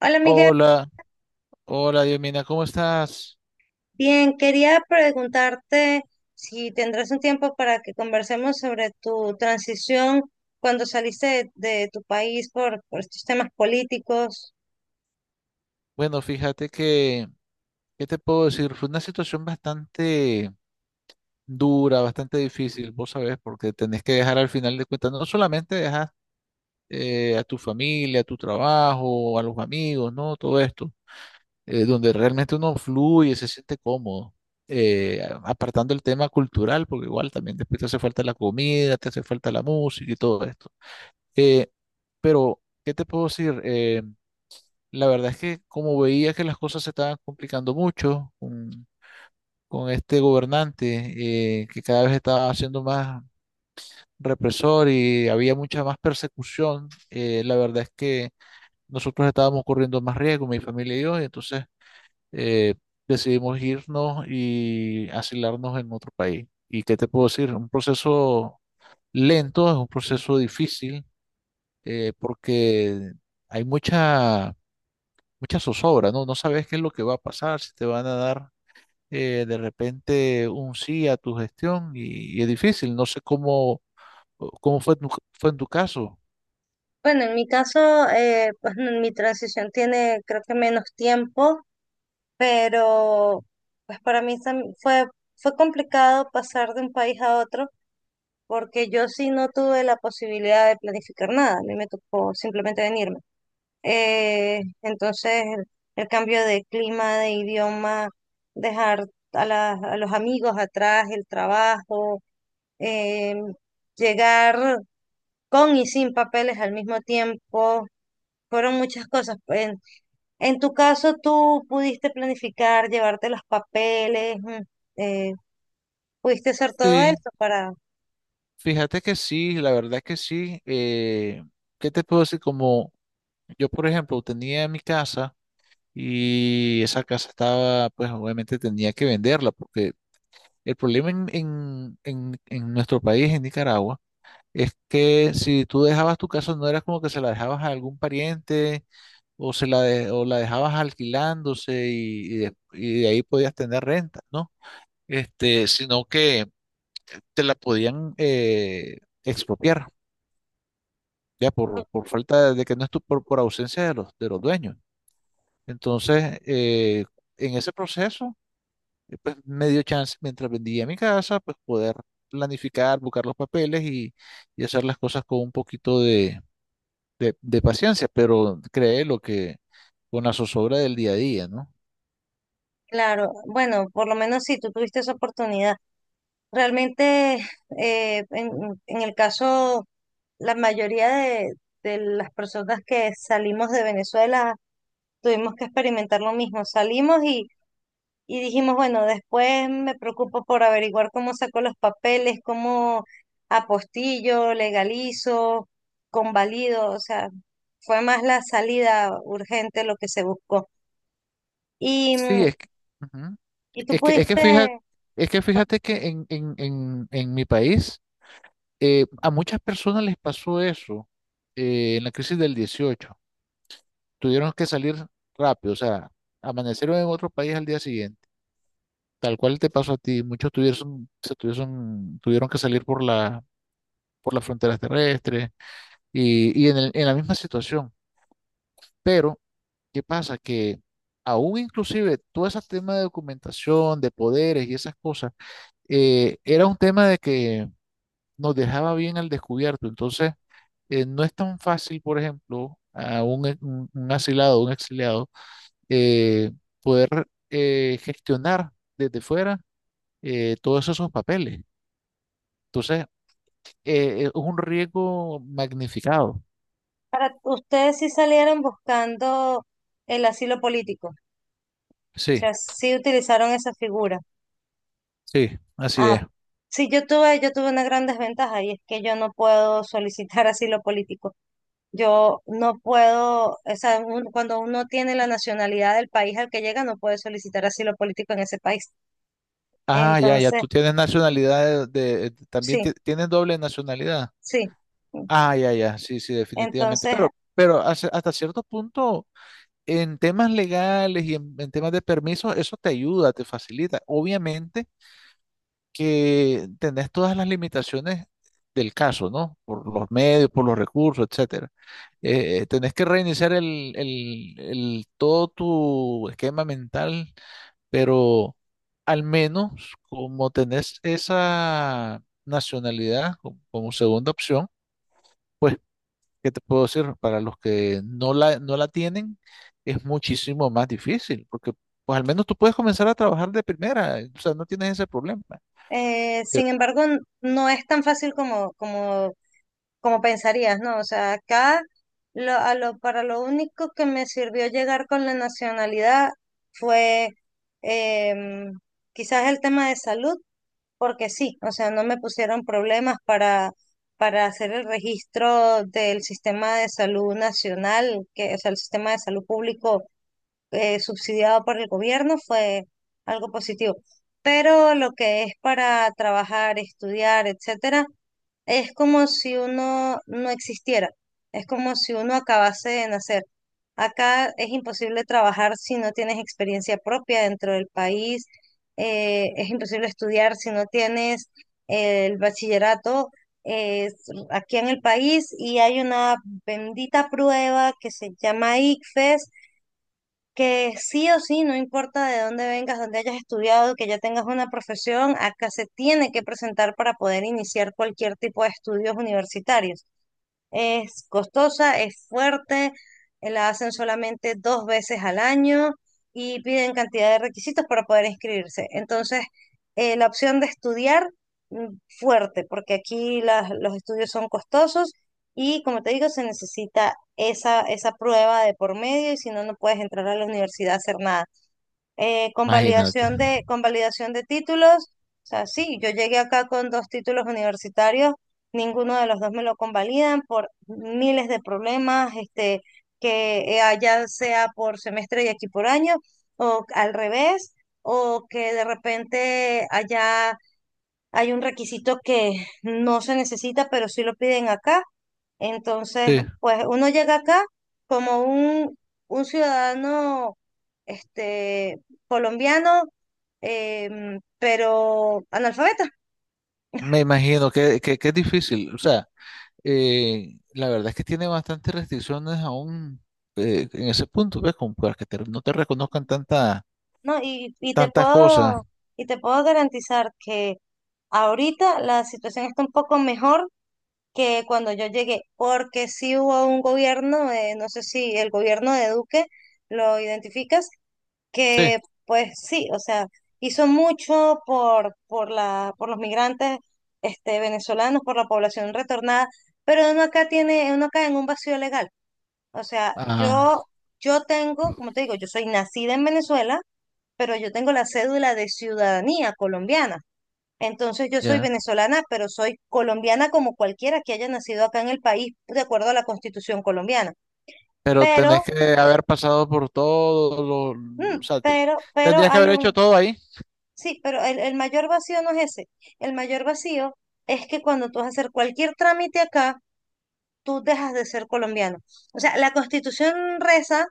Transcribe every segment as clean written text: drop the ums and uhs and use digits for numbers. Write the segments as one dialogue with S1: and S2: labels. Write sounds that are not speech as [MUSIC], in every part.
S1: Hola Miguel,
S2: Hola, hola Diomina, ¿cómo estás?
S1: bien, quería preguntarte si tendrás un tiempo para que conversemos sobre tu transición cuando saliste de tu país por estos temas políticos.
S2: Bueno, fíjate que, ¿qué te puedo decir? Fue una situación bastante dura, bastante difícil, vos sabés, porque tenés que dejar al final de cuentas, no solamente dejas a tu familia, a tu trabajo, a los amigos, ¿no? Todo esto, donde realmente uno fluye, se siente cómodo, apartando el tema cultural, porque igual también después te hace falta la comida, te hace falta la música y todo esto. Eh, pero, ¿qué te puedo decir? La verdad es que como veía que las cosas se estaban complicando mucho con este gobernante, que cada vez estaba siendo más represor y había mucha más persecución. La verdad es que nosotros estábamos corriendo más riesgo, mi familia y yo, y entonces eh, decidimos irnos y asilarnos en otro país. ¿Y qué te puedo decir? Un proceso lento, es un proceso difícil, porque hay mucha mucha zozobra, ¿no? No sabes qué es lo que va a pasar, si te van a dar de repente un sí a tu gestión, y es difícil, no sé cómo fue, fue en tu caso.
S1: Bueno, en mi caso, pues, [LAUGHS] mi transición tiene creo que menos tiempo, pero pues para mí fue complicado pasar de un país a otro porque yo sí no tuve la posibilidad de planificar nada, a mí me tocó simplemente venirme. Entonces, el cambio de clima, de idioma, dejar a los amigos atrás, el trabajo, eh, llegar con y sin papeles al mismo tiempo, fueron muchas cosas. En tu caso, tú pudiste planificar, llevarte los papeles, eh, pudiste hacer todo
S2: Sí,
S1: esto para...
S2: fíjate que sí, la verdad que sí. ¿Qué te puedo decir? Como yo, por ejemplo, tenía mi casa y esa casa estaba, pues obviamente tenía que venderla porque el problema en nuestro país, en Nicaragua, es que si tú dejabas tu casa, no era como que se la dejabas a algún pariente, o la dejabas alquilándose, y de ahí podías tener renta, ¿no? Este, sino que te la podían expropiar, ya por falta de que no estuvo, por ausencia de los dueños. Entonces, en ese proceso, pues me dio chance, mientras vendía mi casa, pues poder planificar, buscar los papeles y hacer las cosas con un poquito de paciencia, pero cree lo que con la zozobra del día a día, ¿no?
S1: Claro, bueno, por lo menos si tú tuviste esa oportunidad. Realmente, [LAUGHS] eh, en, en el caso la mayoría de las personas que salimos de Venezuela tuvimos que experimentar lo mismo. Y dijimos, bueno, después me preocupo por averiguar cómo saco los papeles, cómo apostillo, legalizo, convalido. O sea, fue más la salida urgente lo que se buscó. Y,
S2: Sí,
S1: mm,
S2: es que, ujú.
S1: y tú
S2: Es que, es que fíjate,
S1: pudiste,
S2: es que fíjate que en mi país a muchas personas les pasó eso, en la crisis del 18. Tuvieron que salir rápido, o sea, amanecieron en otro país al día siguiente. Tal cual te pasó a ti, muchos tuvieron que salir por las fronteras terrestres y en la misma situación. Pero ¿qué pasa? Que aún inclusive todo ese tema de documentación, de poderes y esas cosas, era un tema de que nos dejaba bien al descubierto. Entonces, no es tan fácil, por ejemplo, a un asilado, un exiliado, eh, poder gestionar desde fuera todos esos papeles. Entonces, es un riesgo magnificado.
S1: para ustedes sí salieron buscando el asilo político. O sea,
S2: Sí,
S1: sí utilizaron esa figura.
S2: sí, así
S1: Ah,
S2: es.
S1: sí, yo tuve una gran desventaja y es que yo no puedo solicitar [LAUGHS] asilo político. Yo no puedo, o sea, cuando uno tiene la nacionalidad del país al que llega, no puede solicitar asilo político en ese país.
S2: Ah, ya, ya,
S1: Entonces,
S2: tú tienes nacionalidad también
S1: sí,
S2: tienes doble nacionalidad.
S1: sí.
S2: Ah, ya, ya, sí, sí, definitivamente.
S1: Entonces,
S2: Pero hasta cierto punto, en temas legales y en temas de permisos, eso te ayuda, te facilita. Obviamente que tenés todas las limitaciones del caso, ¿no? Por los medios, por los recursos, etcétera. Tenés que reiniciar todo tu esquema mental, pero al menos como tenés esa nacionalidad como segunda opción, pues, ¿qué te puedo decir? Para los que no la tienen, es muchísimo más difícil, porque pues al menos tú puedes comenzar a trabajar de primera, o sea, no tienes ese problema. Eh,
S1: sin embargo, no es tan fácil como pensarías, ¿no? O sea, acá para lo único que me sirvió llegar con la nacionalidad fue em, quizás el tema de salud porque sí, o sea, no me pusieron problemas para hacer el registro del sistema de salud nacional, que, o sea, el sistema de salud público subsidiado por el gobierno fue algo positivo. Pero lo que es para trabajar, estudiar, etcétera, es como si uno no existiera, es como si uno acabase de nacer. Acá es imposible trabajar si no tienes experiencia propia dentro del país, es imposible estudiar si no tienes el bachillerato eh, aquí en el país y hay una bendita prueba que se llama ICFES que sí o sí, no importa de dónde vengas, dónde hayas estudiado, que ya tengas una profesión, acá se tiene que presentar para poder iniciar cualquier tipo de estudios universitarios. Es costosa, es fuerte, la hacen solamente 2 veces al año y piden cantidad de requisitos para poder inscribirse. Entonces, la opción de estudiar, mm, fuerte, porque aquí los estudios son costosos y, como te digo, se necesita esa prueba de por medio y si no, no puedes entrar a la universidad a hacer nada
S2: Imagínate.
S1: convalidación de títulos. O sea, sí, yo llegué acá con 2 títulos universitarios, ninguno de los dos me lo convalidan por miles de problemas, este, que allá sea por semestre y aquí por año, o al revés, o que de repente allá hay un requisito que no se necesita, pero sí lo piden acá. Entonces,
S2: Sí,
S1: pues uno llega acá como un ciudadano este, colombiano, pero analfabeta,
S2: me imagino que es difícil, o sea, la verdad es que tiene bastantes restricciones aún, en ese punto, ¿ves? Como para que no te reconozcan tanta,
S1: ¿no?
S2: tantas cosas.
S1: Y te puedo garantizar que ahorita la situación está un poco mejor que cuando yo llegué, porque sí hubo un gobierno, no sé si el gobierno de Duque lo identificas,
S2: Sí.
S1: que pues sí, o sea, hizo mucho por los migrantes este, venezolanos, por la población retornada, pero uno acá tiene, uno cae en un vacío legal. O sea,
S2: Ah,
S1: yo tengo, como te digo, yo soy nacida en Venezuela, pero yo tengo la cédula de ciudadanía colombiana. Entonces yo soy
S2: ya.
S1: venezolana, pero soy colombiana como cualquiera que haya nacido acá en el país, de acuerdo a la Constitución colombiana.
S2: Pero tenés
S1: Pero,
S2: que haber pasado por todo lo, o sea,
S1: pero
S2: tendrías que
S1: hay
S2: haber hecho
S1: un,
S2: todo ahí.
S1: sí, pero el mayor vacío no es ese. El mayor vacío es que cuando tú vas a hacer cualquier trámite acá, tú dejas de ser colombiano. O sea, la Constitución reza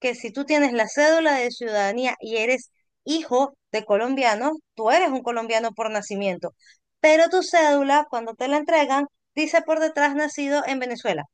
S1: que si tú tienes la cédula de ciudadanía y eres hijo de colombiano, tú eres un colombiano por nacimiento. Pero tu cédula, cuando te la entregan, dice por detrás nacido en Venezuela.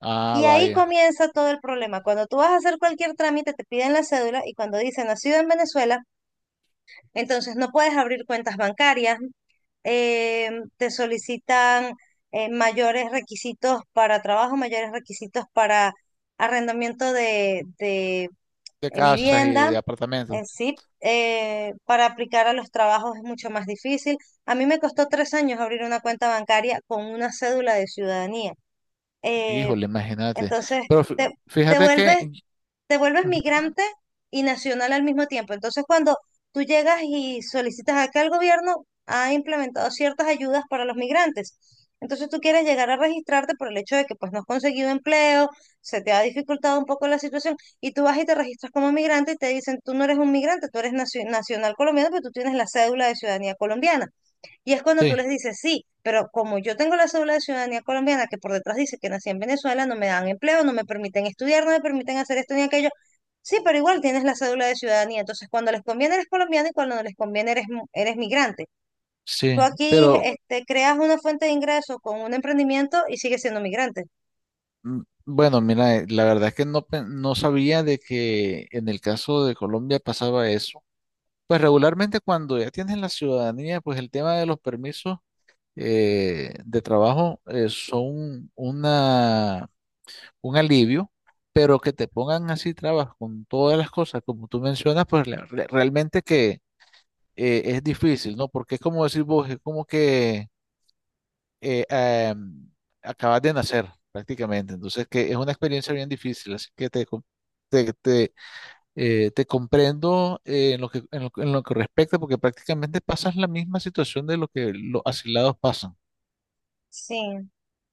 S2: Ah,
S1: Y ahí
S2: vaya.
S1: comienza todo el problema. Cuando tú vas a hacer cualquier trámite, te piden la cédula y cuando dice nacido en Venezuela, entonces no puedes abrir cuentas bancarias, eh, te solicitan mayores requisitos para trabajo, mayores requisitos para arrendamiento
S2: De casas y
S1: vivienda,
S2: de apartamentos.
S1: en sí. Para aplicar a los trabajos es mucho más difícil. A mí me costó 3 años abrir una cuenta bancaria con una cédula de ciudadanía. Eh,
S2: Híjole, imagínate.
S1: entonces,
S2: Pero
S1: te, te
S2: fíjate que,
S1: vuelves
S2: ujú,
S1: migrante y nacional al mismo tiempo. Entonces, cuando tú llegas y solicitas acá el gobierno, ha implementado ciertas ayudas para los migrantes. Entonces, tú quieres llegar a registrarte por el hecho de que pues no has conseguido empleo, se te ha dificultado un poco la situación y tú vas y te registras como migrante y te dicen, tú no eres un migrante, tú eres nacional colombiano, pero tú tienes la cédula de ciudadanía colombiana. Y es cuando tú
S2: sí,
S1: les dices, sí, pero como yo tengo la cédula de ciudadanía colombiana, que por detrás dice que nací en Venezuela, no me dan empleo, no me permiten estudiar, no me permiten hacer esto ni aquello. Sí, pero igual tienes la cédula de ciudadanía. Entonces, cuando les conviene eres colombiano y cuando no les conviene eres, eres migrante. Tú
S2: sí,
S1: aquí
S2: pero
S1: este, creas una fuente de ingreso con un emprendimiento y sigues siendo migrante.
S2: mm, bueno, mira, la verdad es que no sabía de que en el caso de Colombia pasaba eso. Pues regularmente cuando ya tienes la ciudadanía, pues el tema de los permisos de trabajo son una un alivio, pero que te pongan así trabas con todas las cosas, como tú mencionas, pues realmente que es difícil, ¿no? Porque es como decir vos, es como que eh, am, acabas de nacer prácticamente, entonces que es una experiencia bien difícil, así que te, te, te comprendo en lo que, en lo que respecta, porque prácticamente pasas la misma situación de lo que los asilados pasan.
S1: Sí.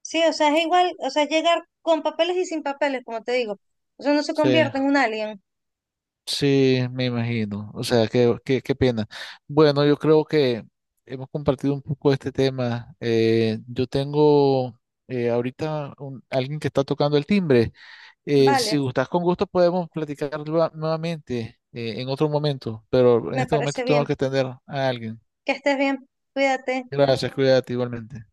S1: Sí, o sea, es igual, o sea, llegar con papeles y sin papeles, como te digo. O sea, no se
S2: Sí.
S1: convierte en un alien.
S2: Sí, me imagino. O sea, qué pena. Bueno, yo creo que hemos compartido un poco este tema. Yo tengo ahorita alguien que está tocando el timbre. Si
S1: Vale,
S2: gustas con gusto podemos platicar nuevamente en otro momento, pero en
S1: me
S2: este momento
S1: parece
S2: tengo
S1: bien.
S2: que atender a alguien.
S1: Que estés bien. Cuídate.
S2: Gracias, cuídate igualmente.